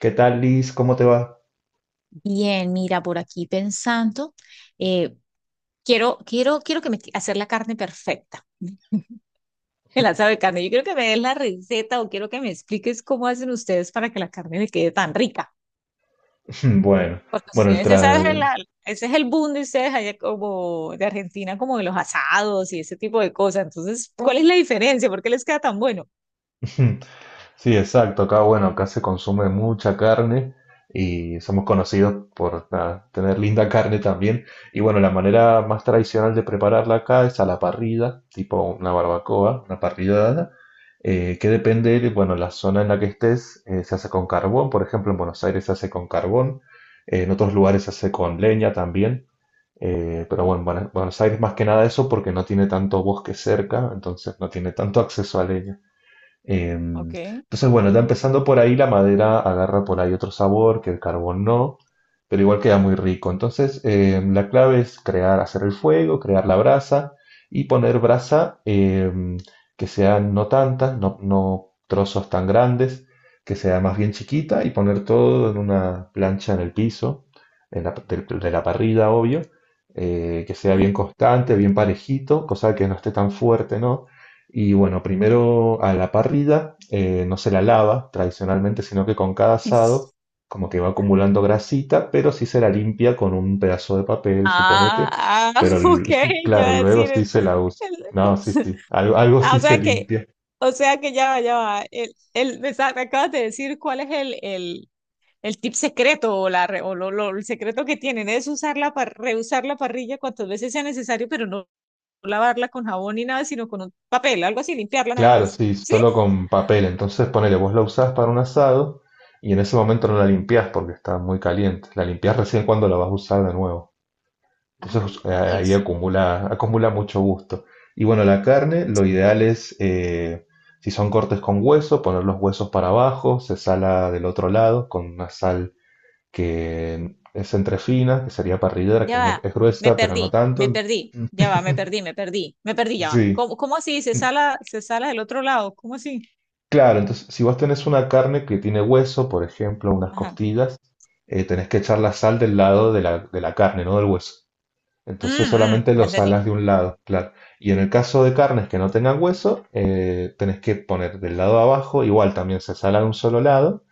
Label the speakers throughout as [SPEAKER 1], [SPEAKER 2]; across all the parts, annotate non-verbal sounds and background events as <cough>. [SPEAKER 1] ¿Qué tal, Liz? ¿Cómo te va?
[SPEAKER 2] Bien, mira, por aquí pensando, eh, quiero que me hacer la carne perfecta, <laughs> el asado de carne. Yo quiero que me des la receta o quiero que me expliques cómo hacen ustedes para que la carne me quede tan rica.
[SPEAKER 1] <laughs> Bueno,
[SPEAKER 2] Porque
[SPEAKER 1] bueno, el
[SPEAKER 2] ustedes,
[SPEAKER 1] tra...
[SPEAKER 2] ese es el boom de ustedes allá como de Argentina, como de los asados y ese tipo de cosas. Entonces, ¿cuál es la diferencia? ¿Por qué les queda tan bueno?
[SPEAKER 1] <laughs> Sí, exacto. Acá, bueno, acá se consume mucha carne y somos conocidos por nada, tener linda carne también. Y bueno, la manera más tradicional de prepararla acá es a la parrilla, tipo una barbacoa, una parrillada, que depende de, bueno, la zona en la que estés, se hace con carbón. Por ejemplo, en Buenos Aires se hace con carbón, en otros lugares se hace con leña también. Pero bueno, Buenos Aires más que nada eso porque no tiene tanto bosque cerca, entonces no tiene tanto acceso a leña.
[SPEAKER 2] Okay.
[SPEAKER 1] Entonces, bueno, ya empezando por ahí, la madera agarra por ahí otro sabor que el carbón no, pero igual queda muy rico. Entonces, la clave es crear, hacer el fuego, crear la brasa y poner brasa que sean no tantas, no, trozos tan grandes, que sea más bien chiquita y poner todo en una plancha en el piso, de, la parrilla, obvio, que sea
[SPEAKER 2] ¿Ok?
[SPEAKER 1] bien constante, bien parejito, cosa que no esté tan fuerte, ¿no? Y bueno, primero a la parrilla no se la lava tradicionalmente, sino que con cada asado como que va acumulando grasita, pero sí se la limpia con un pedazo de papel,
[SPEAKER 2] Ah,
[SPEAKER 1] suponete.
[SPEAKER 2] ah,
[SPEAKER 1] Pero
[SPEAKER 2] <laughs> ok, yo
[SPEAKER 1] <laughs> claro,
[SPEAKER 2] iba a
[SPEAKER 1] luego
[SPEAKER 2] decir.
[SPEAKER 1] sí
[SPEAKER 2] el-
[SPEAKER 1] se la usa. No, sí,
[SPEAKER 2] <laughs>
[SPEAKER 1] sí, algo, algo
[SPEAKER 2] ah,
[SPEAKER 1] sí
[SPEAKER 2] o
[SPEAKER 1] se
[SPEAKER 2] sea que,
[SPEAKER 1] limpia.
[SPEAKER 2] o sea que ya va, me acabas de decir cuál es el tip secreto o el secreto que tienen es reusar la parrilla cuantas veces sea necesario, pero no lavarla con jabón ni nada, sino con un papel, algo así, limpiarla nada
[SPEAKER 1] Claro,
[SPEAKER 2] más,
[SPEAKER 1] sí,
[SPEAKER 2] ¿sí?
[SPEAKER 1] solo con papel. Entonces ponele, vos la usás para un asado y en ese momento no la limpiás porque está muy caliente. La limpiás recién cuando la vas a usar de nuevo. Entonces
[SPEAKER 2] Ay,
[SPEAKER 1] ahí
[SPEAKER 2] Dios.
[SPEAKER 1] acumula, acumula mucho gusto. Y bueno, la carne, lo ideal es, si son cortes con hueso, poner los huesos para abajo, se sala del otro lado con una sal que es entre fina, que sería parrillera, que
[SPEAKER 2] Ya
[SPEAKER 1] no
[SPEAKER 2] va,
[SPEAKER 1] es gruesa, pero no
[SPEAKER 2] me
[SPEAKER 1] tanto.
[SPEAKER 2] perdí, ya va, me perdí,
[SPEAKER 1] <laughs>
[SPEAKER 2] me perdí, me perdí, ya va.
[SPEAKER 1] Sí,
[SPEAKER 2] ¿Cómo así? ¿Se sala del otro lado? ¿Cómo así?
[SPEAKER 1] claro, entonces si vos tenés una carne que tiene hueso, por ejemplo, unas
[SPEAKER 2] Ajá.
[SPEAKER 1] costillas, tenés que echar la sal del lado de la, carne, no del hueso.
[SPEAKER 2] Mm,
[SPEAKER 1] Entonces solamente
[SPEAKER 2] mm, ya
[SPEAKER 1] los
[SPEAKER 2] entendí.
[SPEAKER 1] alas de un lado, claro. Y en el caso de carnes que no tengan hueso, tenés que poner del lado de abajo, igual también se sala de un solo lado,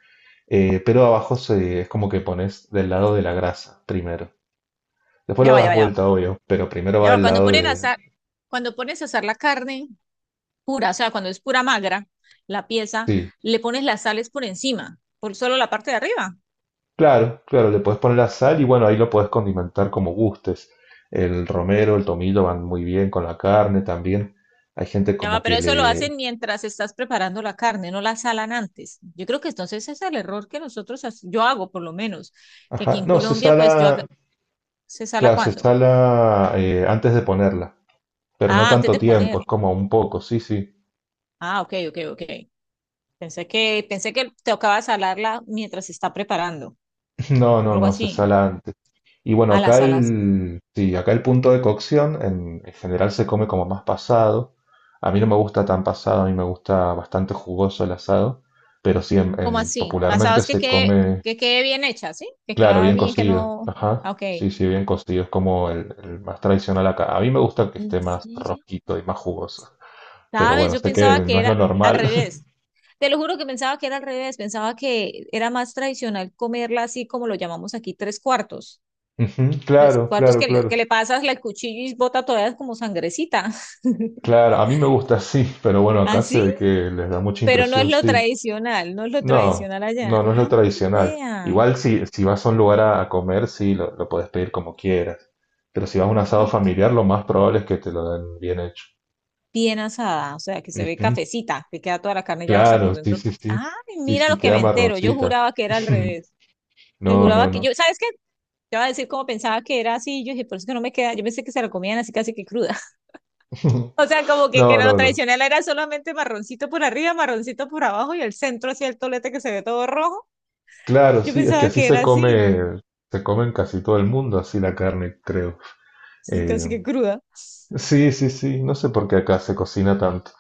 [SPEAKER 1] pero abajo es como que pones del lado de la grasa primero. Después
[SPEAKER 2] Ya
[SPEAKER 1] lo
[SPEAKER 2] va, ya
[SPEAKER 1] das
[SPEAKER 2] va, ya va.
[SPEAKER 1] vuelta, obvio, pero primero
[SPEAKER 2] Ya
[SPEAKER 1] va
[SPEAKER 2] va.
[SPEAKER 1] del lado de...
[SPEAKER 2] Cuando pones a asar la carne pura, o sea, cuando es pura magra, la pieza,
[SPEAKER 1] Sí,
[SPEAKER 2] le pones las sales por encima, por solo la parte de arriba.
[SPEAKER 1] claro, claro, le puedes poner la sal y bueno, ahí lo puedes condimentar como gustes. El romero, el tomillo van muy bien con la carne también. Hay gente
[SPEAKER 2] Ya
[SPEAKER 1] como
[SPEAKER 2] va,
[SPEAKER 1] que
[SPEAKER 2] pero eso lo
[SPEAKER 1] le...
[SPEAKER 2] hacen mientras estás preparando la carne, no la salan antes. Yo creo que entonces ese es el error que yo hago por lo menos, que aquí
[SPEAKER 1] Ajá,
[SPEAKER 2] en
[SPEAKER 1] no, se
[SPEAKER 2] Colombia, pues
[SPEAKER 1] sala,
[SPEAKER 2] se sala
[SPEAKER 1] claro, se
[SPEAKER 2] cuando.
[SPEAKER 1] sala antes de ponerla, pero no
[SPEAKER 2] Ah, antes
[SPEAKER 1] tanto
[SPEAKER 2] de poner.
[SPEAKER 1] tiempo, es como un poco, sí, sí.
[SPEAKER 2] Ah, ok, ok, ok. Pensé que tocaba salarla mientras se está preparando.
[SPEAKER 1] <laughs> <clears throat> No, no,
[SPEAKER 2] Algo
[SPEAKER 1] no, se
[SPEAKER 2] así.
[SPEAKER 1] sala antes. Y bueno,
[SPEAKER 2] Ah, las
[SPEAKER 1] acá
[SPEAKER 2] salas.
[SPEAKER 1] el, sí, acá el punto de cocción en general se come como más pasado. A mí no me gusta tan pasado, a mí me gusta bastante jugoso el asado, pero sí, en,
[SPEAKER 2] ¿Cómo así?
[SPEAKER 1] popularmente
[SPEAKER 2] Pasabas que
[SPEAKER 1] se
[SPEAKER 2] quede,
[SPEAKER 1] come,
[SPEAKER 2] que quede bien hecha, ¿sí? Que
[SPEAKER 1] claro,
[SPEAKER 2] queda
[SPEAKER 1] bien
[SPEAKER 2] bien, que
[SPEAKER 1] cocido.
[SPEAKER 2] no.
[SPEAKER 1] Ajá,
[SPEAKER 2] Ah, ok.
[SPEAKER 1] sí, sí, bien cocido, es como el más tradicional acá. A mí me gusta que
[SPEAKER 2] ¿En
[SPEAKER 1] esté más
[SPEAKER 2] serio?
[SPEAKER 1] rojito y más jugoso, pero
[SPEAKER 2] ¿Sabes?
[SPEAKER 1] bueno,
[SPEAKER 2] Yo
[SPEAKER 1] sé que
[SPEAKER 2] pensaba que
[SPEAKER 1] no es lo
[SPEAKER 2] era al
[SPEAKER 1] normal. <laughs>
[SPEAKER 2] revés. Te lo juro que pensaba que era al revés. Pensaba que era más tradicional comerla así como lo llamamos aquí, tres cuartos.
[SPEAKER 1] Ujú,
[SPEAKER 2] Tres
[SPEAKER 1] claro,
[SPEAKER 2] cuartos,
[SPEAKER 1] claro,
[SPEAKER 2] que le,
[SPEAKER 1] claro.
[SPEAKER 2] que le pasas el cuchillo y bota todavía como sangrecita. <laughs>
[SPEAKER 1] Claro, a mí me gusta así, pero bueno, acá se
[SPEAKER 2] ¿Así?
[SPEAKER 1] ve que les da mucha
[SPEAKER 2] Pero no es
[SPEAKER 1] impresión,
[SPEAKER 2] lo
[SPEAKER 1] sí.
[SPEAKER 2] tradicional, no es lo
[SPEAKER 1] No,
[SPEAKER 2] tradicional allá.
[SPEAKER 1] no, no es lo
[SPEAKER 2] Ah,
[SPEAKER 1] tradicional.
[SPEAKER 2] vea.
[SPEAKER 1] Igual si, si vas a un lugar a comer, sí, lo puedes pedir como quieras. Pero si vas a un
[SPEAKER 2] Ah,
[SPEAKER 1] asado
[SPEAKER 2] ok.
[SPEAKER 1] familiar, lo más probable es que te lo den bien hecho.
[SPEAKER 2] Bien asada, o sea, que se ve
[SPEAKER 1] Ujú,
[SPEAKER 2] cafecita, que queda toda la carne ya hasta por
[SPEAKER 1] claro, sí,
[SPEAKER 2] dentro.
[SPEAKER 1] sí, sí.
[SPEAKER 2] Ay,
[SPEAKER 1] Sí,
[SPEAKER 2] mira
[SPEAKER 1] sí,
[SPEAKER 2] lo que
[SPEAKER 1] queda
[SPEAKER 2] me entero. Yo
[SPEAKER 1] marroncita.
[SPEAKER 2] juraba que era al
[SPEAKER 1] <laughs>
[SPEAKER 2] revés. Te
[SPEAKER 1] No, no,
[SPEAKER 2] juraba que
[SPEAKER 1] no.
[SPEAKER 2] yo, ¿sabes qué? Te iba a decir como pensaba que era así, yo dije, por eso que no me queda, yo pensé que se la comían así casi que cruda. <laughs>
[SPEAKER 1] <laughs>
[SPEAKER 2] O sea, como que
[SPEAKER 1] No,
[SPEAKER 2] lo
[SPEAKER 1] no, no.
[SPEAKER 2] tradicional era solamente marroncito por arriba, marroncito por abajo y el centro así el tolete que se ve todo rojo.
[SPEAKER 1] Claro,
[SPEAKER 2] Yo
[SPEAKER 1] sí, es que
[SPEAKER 2] pensaba
[SPEAKER 1] así
[SPEAKER 2] que era así,
[SPEAKER 1] se come en casi todo el mundo, así la carne, creo.
[SPEAKER 2] sí,
[SPEAKER 1] Eh,
[SPEAKER 2] casi que cruda.
[SPEAKER 1] Sí, sí, sí, no sé por qué acá se cocina tanto.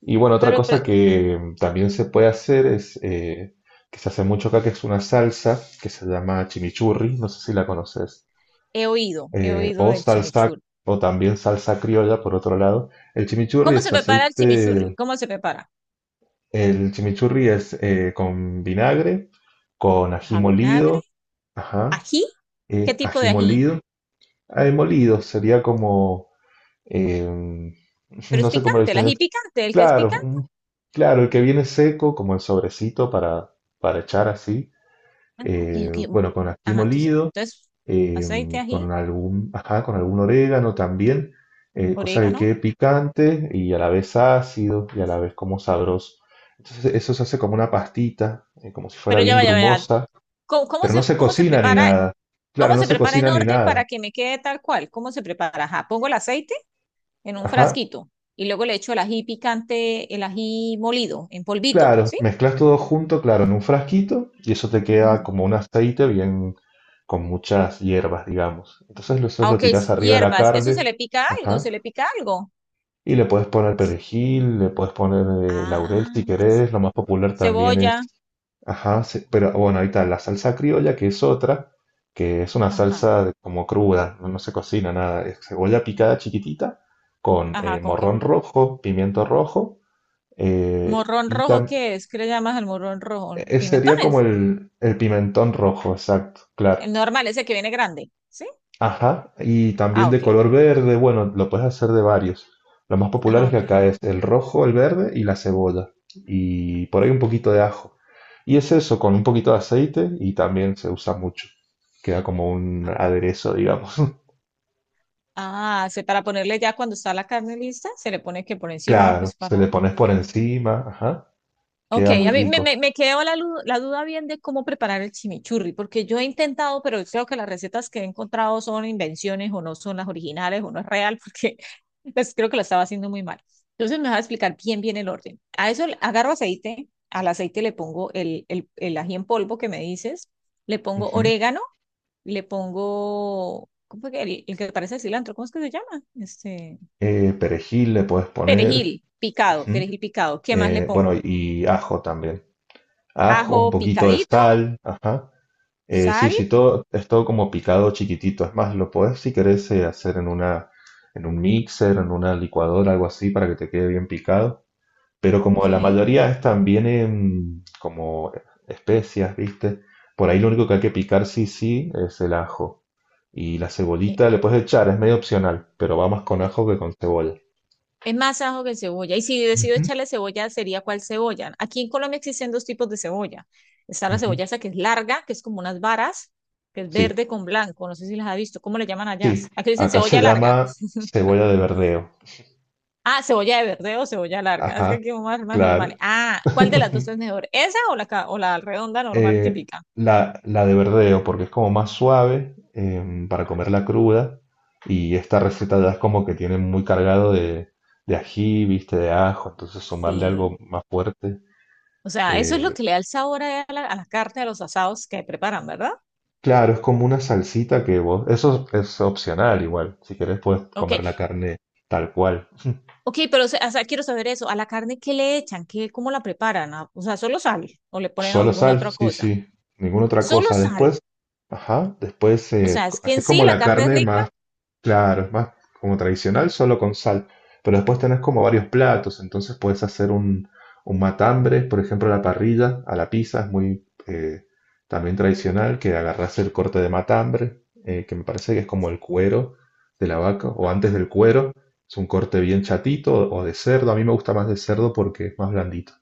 [SPEAKER 1] Y bueno, otra
[SPEAKER 2] Pero
[SPEAKER 1] cosa que también se puede hacer es, que se hace mucho acá, que es una salsa que se llama chimichurri, no sé si la conoces,
[SPEAKER 2] he oído, he oído
[SPEAKER 1] o
[SPEAKER 2] del
[SPEAKER 1] salsa,
[SPEAKER 2] chimichurri.
[SPEAKER 1] o también salsa criolla, por otro lado. El chimichurri
[SPEAKER 2] ¿Cómo
[SPEAKER 1] es
[SPEAKER 2] se prepara el chimichurri?
[SPEAKER 1] aceite,
[SPEAKER 2] ¿Cómo se prepara?
[SPEAKER 1] el chimichurri es con vinagre, con ají
[SPEAKER 2] Ajá, vinagre,
[SPEAKER 1] molido, ajá,
[SPEAKER 2] ají. ¿Qué
[SPEAKER 1] eh,
[SPEAKER 2] tipo
[SPEAKER 1] ají
[SPEAKER 2] de ají?
[SPEAKER 1] molido, ají molido sería como, em,
[SPEAKER 2] Pero
[SPEAKER 1] <laughs>
[SPEAKER 2] es
[SPEAKER 1] no sé cómo lo
[SPEAKER 2] picante, el
[SPEAKER 1] dicen.
[SPEAKER 2] ají picante, el que es
[SPEAKER 1] Claro,
[SPEAKER 2] picante.
[SPEAKER 1] claro, el que viene seco, como el sobrecito para echar así,
[SPEAKER 2] Ah, no, ok, ok.
[SPEAKER 1] bueno, con ají
[SPEAKER 2] Ajá, entonces,
[SPEAKER 1] molido,
[SPEAKER 2] entonces
[SPEAKER 1] eh,
[SPEAKER 2] aceite, ají,
[SPEAKER 1] con algún, ajá, con algún orégano también, cosa que
[SPEAKER 2] orégano.
[SPEAKER 1] quede picante y a la vez ácido y a la vez como sabroso. Entonces eso se hace como una pastita, como si fuera
[SPEAKER 2] Pero ya
[SPEAKER 1] bien
[SPEAKER 2] vaya, vaya.
[SPEAKER 1] grumosa,
[SPEAKER 2] ¿Cómo, cómo
[SPEAKER 1] pero no
[SPEAKER 2] se,
[SPEAKER 1] se
[SPEAKER 2] cómo se
[SPEAKER 1] cocina ni
[SPEAKER 2] prepara?
[SPEAKER 1] nada. Claro,
[SPEAKER 2] ¿Cómo
[SPEAKER 1] no
[SPEAKER 2] se
[SPEAKER 1] se
[SPEAKER 2] prepara en
[SPEAKER 1] cocina ni
[SPEAKER 2] orden
[SPEAKER 1] nada.
[SPEAKER 2] para que me quede tal cual? ¿Cómo se prepara? Ajá, pongo el aceite en un
[SPEAKER 1] Ajá,
[SPEAKER 2] frasquito y luego le echo el ají picante, el ají molido, en polvito,
[SPEAKER 1] claro,
[SPEAKER 2] ¿sí?
[SPEAKER 1] mezclas todo junto, claro, en un frasquito y eso te queda
[SPEAKER 2] Ujú.
[SPEAKER 1] como un aceite bien con muchas hierbas, digamos. Entonces eso
[SPEAKER 2] Ah,
[SPEAKER 1] lo
[SPEAKER 2] ok,
[SPEAKER 1] tiras arriba de la
[SPEAKER 2] hierbas. ¿Eso se
[SPEAKER 1] carne,
[SPEAKER 2] le pica algo?
[SPEAKER 1] ajá,
[SPEAKER 2] ¿Se le pica algo?
[SPEAKER 1] y le puedes poner perejil, le puedes poner laurel si
[SPEAKER 2] Ah,
[SPEAKER 1] querés, lo más popular también es,
[SPEAKER 2] cebolla,
[SPEAKER 1] ajá, pero bueno, ahí está la salsa criolla que es otra, que es una
[SPEAKER 2] ajá,
[SPEAKER 1] salsa de- como cruda, no no se cocina nada, es cebolla picada chiquitita con
[SPEAKER 2] ajá, ¿con qué?
[SPEAKER 1] morrón rojo, pimiento rojo.
[SPEAKER 2] Morrón
[SPEAKER 1] Y
[SPEAKER 2] rojo, ¿qué es? ¿Qué le llamas al morrón rojo?
[SPEAKER 1] Sería como
[SPEAKER 2] Pimentones,
[SPEAKER 1] el pimentón rojo, exacto, claro.
[SPEAKER 2] el normal, ese que viene grande, ¿sí?
[SPEAKER 1] Ajá, y también
[SPEAKER 2] Ah,
[SPEAKER 1] de
[SPEAKER 2] ok,
[SPEAKER 1] color verde, bueno, lo puedes hacer de varios. Lo más populares
[SPEAKER 2] ah,
[SPEAKER 1] que
[SPEAKER 2] ok.
[SPEAKER 1] acá es el rojo, el verde y la cebolla. Y por ahí un poquito de ajo. Y es eso, con un poquito de aceite y también se usa mucho. Queda como un aderezo, digamos. <laughs>
[SPEAKER 2] Ah, para ponerle ya cuando está la carne lista, se le pone que por encima,
[SPEAKER 1] Claro,
[SPEAKER 2] pues,
[SPEAKER 1] se
[SPEAKER 2] para.
[SPEAKER 1] le pones por encima, ajá,
[SPEAKER 2] Ok,
[SPEAKER 1] queda muy
[SPEAKER 2] a mí me,
[SPEAKER 1] rico.
[SPEAKER 2] me, me quedó la duda bien de cómo preparar el chimichurri, porque yo he intentado, pero creo que las recetas que he encontrado son invenciones o no son las originales o no es real, porque <laughs> pues, creo que lo estaba haciendo muy mal. Entonces me vas a explicar bien, bien el orden. Agarro aceite, al aceite le pongo el ají en polvo que me dices, le pongo
[SPEAKER 1] Ujú.
[SPEAKER 2] orégano, le pongo, ¿cómo fue que el que parece cilantro? ¿Cómo es que se llama? Este,
[SPEAKER 1] Perejil le puedes poner,
[SPEAKER 2] perejil picado,
[SPEAKER 1] ujú.
[SPEAKER 2] perejil picado. ¿Qué más le
[SPEAKER 1] Bueno,
[SPEAKER 2] pongo?
[SPEAKER 1] y ajo también. Ajo, un
[SPEAKER 2] Ajo
[SPEAKER 1] poquito de
[SPEAKER 2] picadito,
[SPEAKER 1] sal, ajá. Sí,
[SPEAKER 2] sal.
[SPEAKER 1] sí, todo, es todo como picado chiquitito. Es más, lo puedes, si querés, hacer en una, en un mixer, en una licuadora, algo así, para que te quede bien picado. Pero como
[SPEAKER 2] Ok.
[SPEAKER 1] la mayoría están, vienen como especias, ¿viste? Por ahí lo único que hay que
[SPEAKER 2] Ah,
[SPEAKER 1] picar, sí, sí, es el ajo. Y la
[SPEAKER 2] e-
[SPEAKER 1] cebolita le
[SPEAKER 2] Es, más
[SPEAKER 1] puedes echar, es medio opcional, pero va más con ajo que con cebolla.
[SPEAKER 2] es más ajo que cebolla. Y si decido
[SPEAKER 1] Ujú,
[SPEAKER 2] echarle cebolla, ¿sería cuál cebolla? Aquí en Colombia existen dos tipos de cebolla. Está la
[SPEAKER 1] ujú.
[SPEAKER 2] cebolla esa que es larga, que es como unas varas, que es
[SPEAKER 1] Sí,
[SPEAKER 2] verde con blanco. No sé si las ha visto. ¿Cómo le llaman allá?
[SPEAKER 1] sí.
[SPEAKER 2] Aquí dicen
[SPEAKER 1] Acá se
[SPEAKER 2] cebolla larga.
[SPEAKER 1] llama
[SPEAKER 2] <laughs>
[SPEAKER 1] cebolla de verdeo.
[SPEAKER 2] Ah, cebolla de verde o cebolla larga. Es que
[SPEAKER 1] Ajá,
[SPEAKER 2] aquí más normal.
[SPEAKER 1] claro.
[SPEAKER 2] Ah, ¿cuál de las dos es
[SPEAKER 1] <laughs>
[SPEAKER 2] mejor? ¿Esa o o la redonda normal
[SPEAKER 1] Eh,
[SPEAKER 2] típica?
[SPEAKER 1] la, la de verdeo, porque es como más suave para
[SPEAKER 2] Ah,
[SPEAKER 1] comerla cruda. Y esta
[SPEAKER 2] ah,
[SPEAKER 1] receta ya
[SPEAKER 2] ok.
[SPEAKER 1] es como que tiene muy cargado de ají, viste, de ajo. Entonces sumarle
[SPEAKER 2] Sí.
[SPEAKER 1] algo más fuerte.
[SPEAKER 2] O sea, eso es lo
[SPEAKER 1] eh,
[SPEAKER 2] que le da el sabor a la, carne, a los asados que preparan, ¿verdad?
[SPEAKER 1] claro, es como una salsita que vos... Eso es opcional igual. Si querés puedes
[SPEAKER 2] Ok,
[SPEAKER 1] comer la carne tal cual.
[SPEAKER 2] ok, pero o sea, quiero saber eso. ¿A la carne qué le echan? ¿Cómo la preparan? Ah, o sea, solo sal o le ponen
[SPEAKER 1] Solo
[SPEAKER 2] alguna
[SPEAKER 1] sal,
[SPEAKER 2] otra
[SPEAKER 1] sí,
[SPEAKER 2] cosa.
[SPEAKER 1] sí. Ninguna otra
[SPEAKER 2] Solo
[SPEAKER 1] cosa.
[SPEAKER 2] sal.
[SPEAKER 1] Después, ajá, después
[SPEAKER 2] O sea, es que
[SPEAKER 1] así
[SPEAKER 2] en sí
[SPEAKER 1] como
[SPEAKER 2] la
[SPEAKER 1] la
[SPEAKER 2] carne es
[SPEAKER 1] carne
[SPEAKER 2] rica.
[SPEAKER 1] más claro, es más como tradicional, solo con sal. Pero después tenés como varios platos, entonces puedes hacer un matambre, por ejemplo, a la parrilla, a la pizza, es muy también tradicional que agarrás el corte de matambre, que me parece que es como el cuero de la vaca, o
[SPEAKER 2] Ajá,
[SPEAKER 1] antes del cuero, es un corte bien chatito o de cerdo. A mí me gusta más de cerdo porque es más blandito.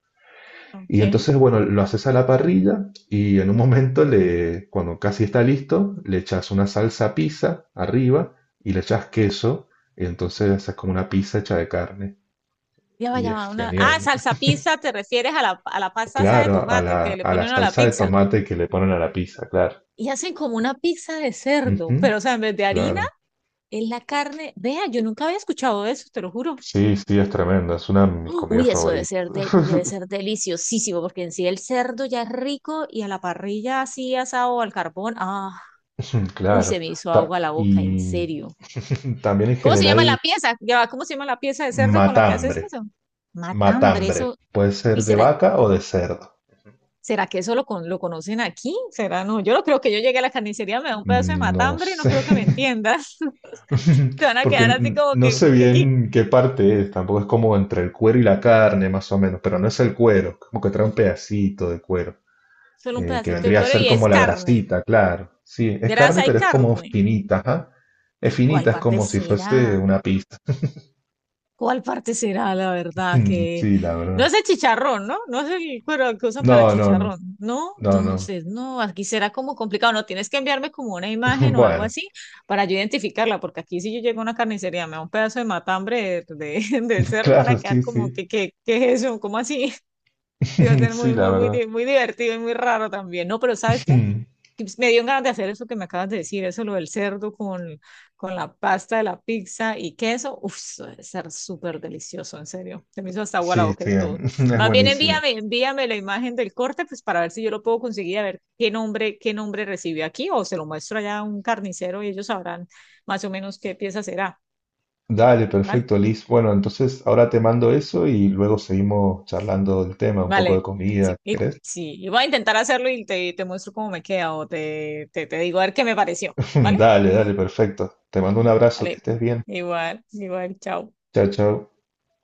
[SPEAKER 2] ok.
[SPEAKER 1] Y entonces, bueno, lo haces a la parrilla y en un momento, le, cuando casi está listo, le echas una salsa pizza arriba y le echas queso. Y entonces haces como una pizza hecha de carne.
[SPEAKER 2] Ya va,
[SPEAKER 1] Y
[SPEAKER 2] ya
[SPEAKER 1] es
[SPEAKER 2] va. Ah,
[SPEAKER 1] genial.
[SPEAKER 2] salsa pizza, te refieres a la pasta esa de
[SPEAKER 1] Claro,
[SPEAKER 2] tomate que le
[SPEAKER 1] a la
[SPEAKER 2] ponen a la
[SPEAKER 1] salsa de
[SPEAKER 2] pizza.
[SPEAKER 1] tomate que le ponen a la pizza, claro.
[SPEAKER 2] Y hacen como una pizza de cerdo,
[SPEAKER 1] Ujú,
[SPEAKER 2] pero o sea, en vez de harina,
[SPEAKER 1] claro.
[SPEAKER 2] es la carne. Vea, yo nunca había escuchado eso, te lo juro.
[SPEAKER 1] Sí, sí, es tremendo. Es una de mis
[SPEAKER 2] ¡Oh!
[SPEAKER 1] comidas
[SPEAKER 2] Uy, eso debe
[SPEAKER 1] favoritas.
[SPEAKER 2] ser, de- debe ser deliciosísimo, porque en sí el cerdo ya es rico y a la parrilla así asado al carbón. Ah,
[SPEAKER 1] <laughs> <clears throat>
[SPEAKER 2] uy, se
[SPEAKER 1] Claro.
[SPEAKER 2] me hizo
[SPEAKER 1] Ta-
[SPEAKER 2] agua la boca, en
[SPEAKER 1] y
[SPEAKER 2] serio.
[SPEAKER 1] <laughs> también en
[SPEAKER 2] ¿Cómo se llama la
[SPEAKER 1] general,
[SPEAKER 2] pieza? Ya va, ¿cómo se llama la pieza de cerdo con la que haces
[SPEAKER 1] matambre.
[SPEAKER 2] eso? Matambre,
[SPEAKER 1] Matambre.
[SPEAKER 2] eso.
[SPEAKER 1] Puede
[SPEAKER 2] ¿Y
[SPEAKER 1] ser de
[SPEAKER 2] será,
[SPEAKER 1] vaca o de cerdo.
[SPEAKER 2] será que eso lo conocen aquí? ¿Será, no? Yo no creo que yo llegue a la carnicería, me da un pedazo de
[SPEAKER 1] No
[SPEAKER 2] matambre y no
[SPEAKER 1] sé,
[SPEAKER 2] creo que me entiendas. <laughs> Se van
[SPEAKER 1] <laughs>
[SPEAKER 2] a quedar así
[SPEAKER 1] porque
[SPEAKER 2] como
[SPEAKER 1] no
[SPEAKER 2] que,
[SPEAKER 1] sé
[SPEAKER 2] que, que
[SPEAKER 1] bien qué parte es, tampoco es como entre el cuero y la carne, más o menos, pero no es el cuero, como que trae un pedacito de cuero,
[SPEAKER 2] solo un
[SPEAKER 1] que
[SPEAKER 2] pedacito de
[SPEAKER 1] vendría a
[SPEAKER 2] cuero
[SPEAKER 1] ser
[SPEAKER 2] y es
[SPEAKER 1] como la
[SPEAKER 2] carne.
[SPEAKER 1] grasita, claro. Sí, es carne,
[SPEAKER 2] Grasa y
[SPEAKER 1] pero es como
[SPEAKER 2] carne.
[SPEAKER 1] finita, ajá. Es
[SPEAKER 2] ¿Cuál
[SPEAKER 1] finita, es
[SPEAKER 2] parte
[SPEAKER 1] como si fuese
[SPEAKER 2] será?
[SPEAKER 1] una pizza. <laughs>
[SPEAKER 2] ¿Cuál parte será la verdad? Que
[SPEAKER 1] Sí, la
[SPEAKER 2] no
[SPEAKER 1] verdad.
[SPEAKER 2] es el chicharrón, ¿no? No es el cuero que usan para
[SPEAKER 1] No, no, no,
[SPEAKER 2] chicharrón, ¿no?
[SPEAKER 1] no, no.
[SPEAKER 2] Entonces, no, aquí será como complicado, no tienes que enviarme como una
[SPEAKER 1] <laughs>
[SPEAKER 2] imagen o algo
[SPEAKER 1] Bueno,
[SPEAKER 2] así para yo identificarla, porque aquí si yo llego a una carnicería, me da un pedazo de matambre de, <laughs> de
[SPEAKER 1] <laughs>
[SPEAKER 2] cerdo, van a
[SPEAKER 1] claro,
[SPEAKER 2] quedar
[SPEAKER 1] sí,
[SPEAKER 2] como
[SPEAKER 1] sí.
[SPEAKER 2] que qué es eso? ¿Cómo así? <laughs> Y va a
[SPEAKER 1] <laughs>
[SPEAKER 2] ser
[SPEAKER 1] Sí,
[SPEAKER 2] muy
[SPEAKER 1] la
[SPEAKER 2] muy muy
[SPEAKER 1] verdad.
[SPEAKER 2] muy divertido y muy raro también. No, pero ¿sabes qué?
[SPEAKER 1] <laughs>
[SPEAKER 2] Que pues, me dio ganas de hacer eso que me acabas de decir, eso lo del cerdo con la pasta de la pizza y queso. Uf, eso debe ser súper delicioso, en serio. Se me hizo hasta agua la
[SPEAKER 1] Sí,
[SPEAKER 2] boca
[SPEAKER 1] sí, <laughs>
[SPEAKER 2] y todo.
[SPEAKER 1] es
[SPEAKER 2] Más bien
[SPEAKER 1] buenísimo.
[SPEAKER 2] envíame, la imagen del corte, pues para ver si yo lo puedo conseguir, a ver qué nombre recibió aquí, o se lo muestro allá a un carnicero y ellos sabrán más o menos qué pieza será.
[SPEAKER 1] Dale,
[SPEAKER 2] ¿Vale?
[SPEAKER 1] perfecto, Liz. Bueno, entonces ahora te mando eso y luego seguimos charlando del tema, un poco
[SPEAKER 2] Vale.
[SPEAKER 1] de comida,
[SPEAKER 2] Sí, y,
[SPEAKER 1] ¿crees?
[SPEAKER 2] sí, y voy a intentar hacerlo y te muestro cómo me queda o te digo a ver qué me pareció.
[SPEAKER 1] <laughs>
[SPEAKER 2] ¿Vale?
[SPEAKER 1] Dale, dale, perfecto. Te mando un abrazo, que
[SPEAKER 2] Vale.
[SPEAKER 1] estés bien.
[SPEAKER 2] Igual, igual, chao.
[SPEAKER 1] Chao, chao.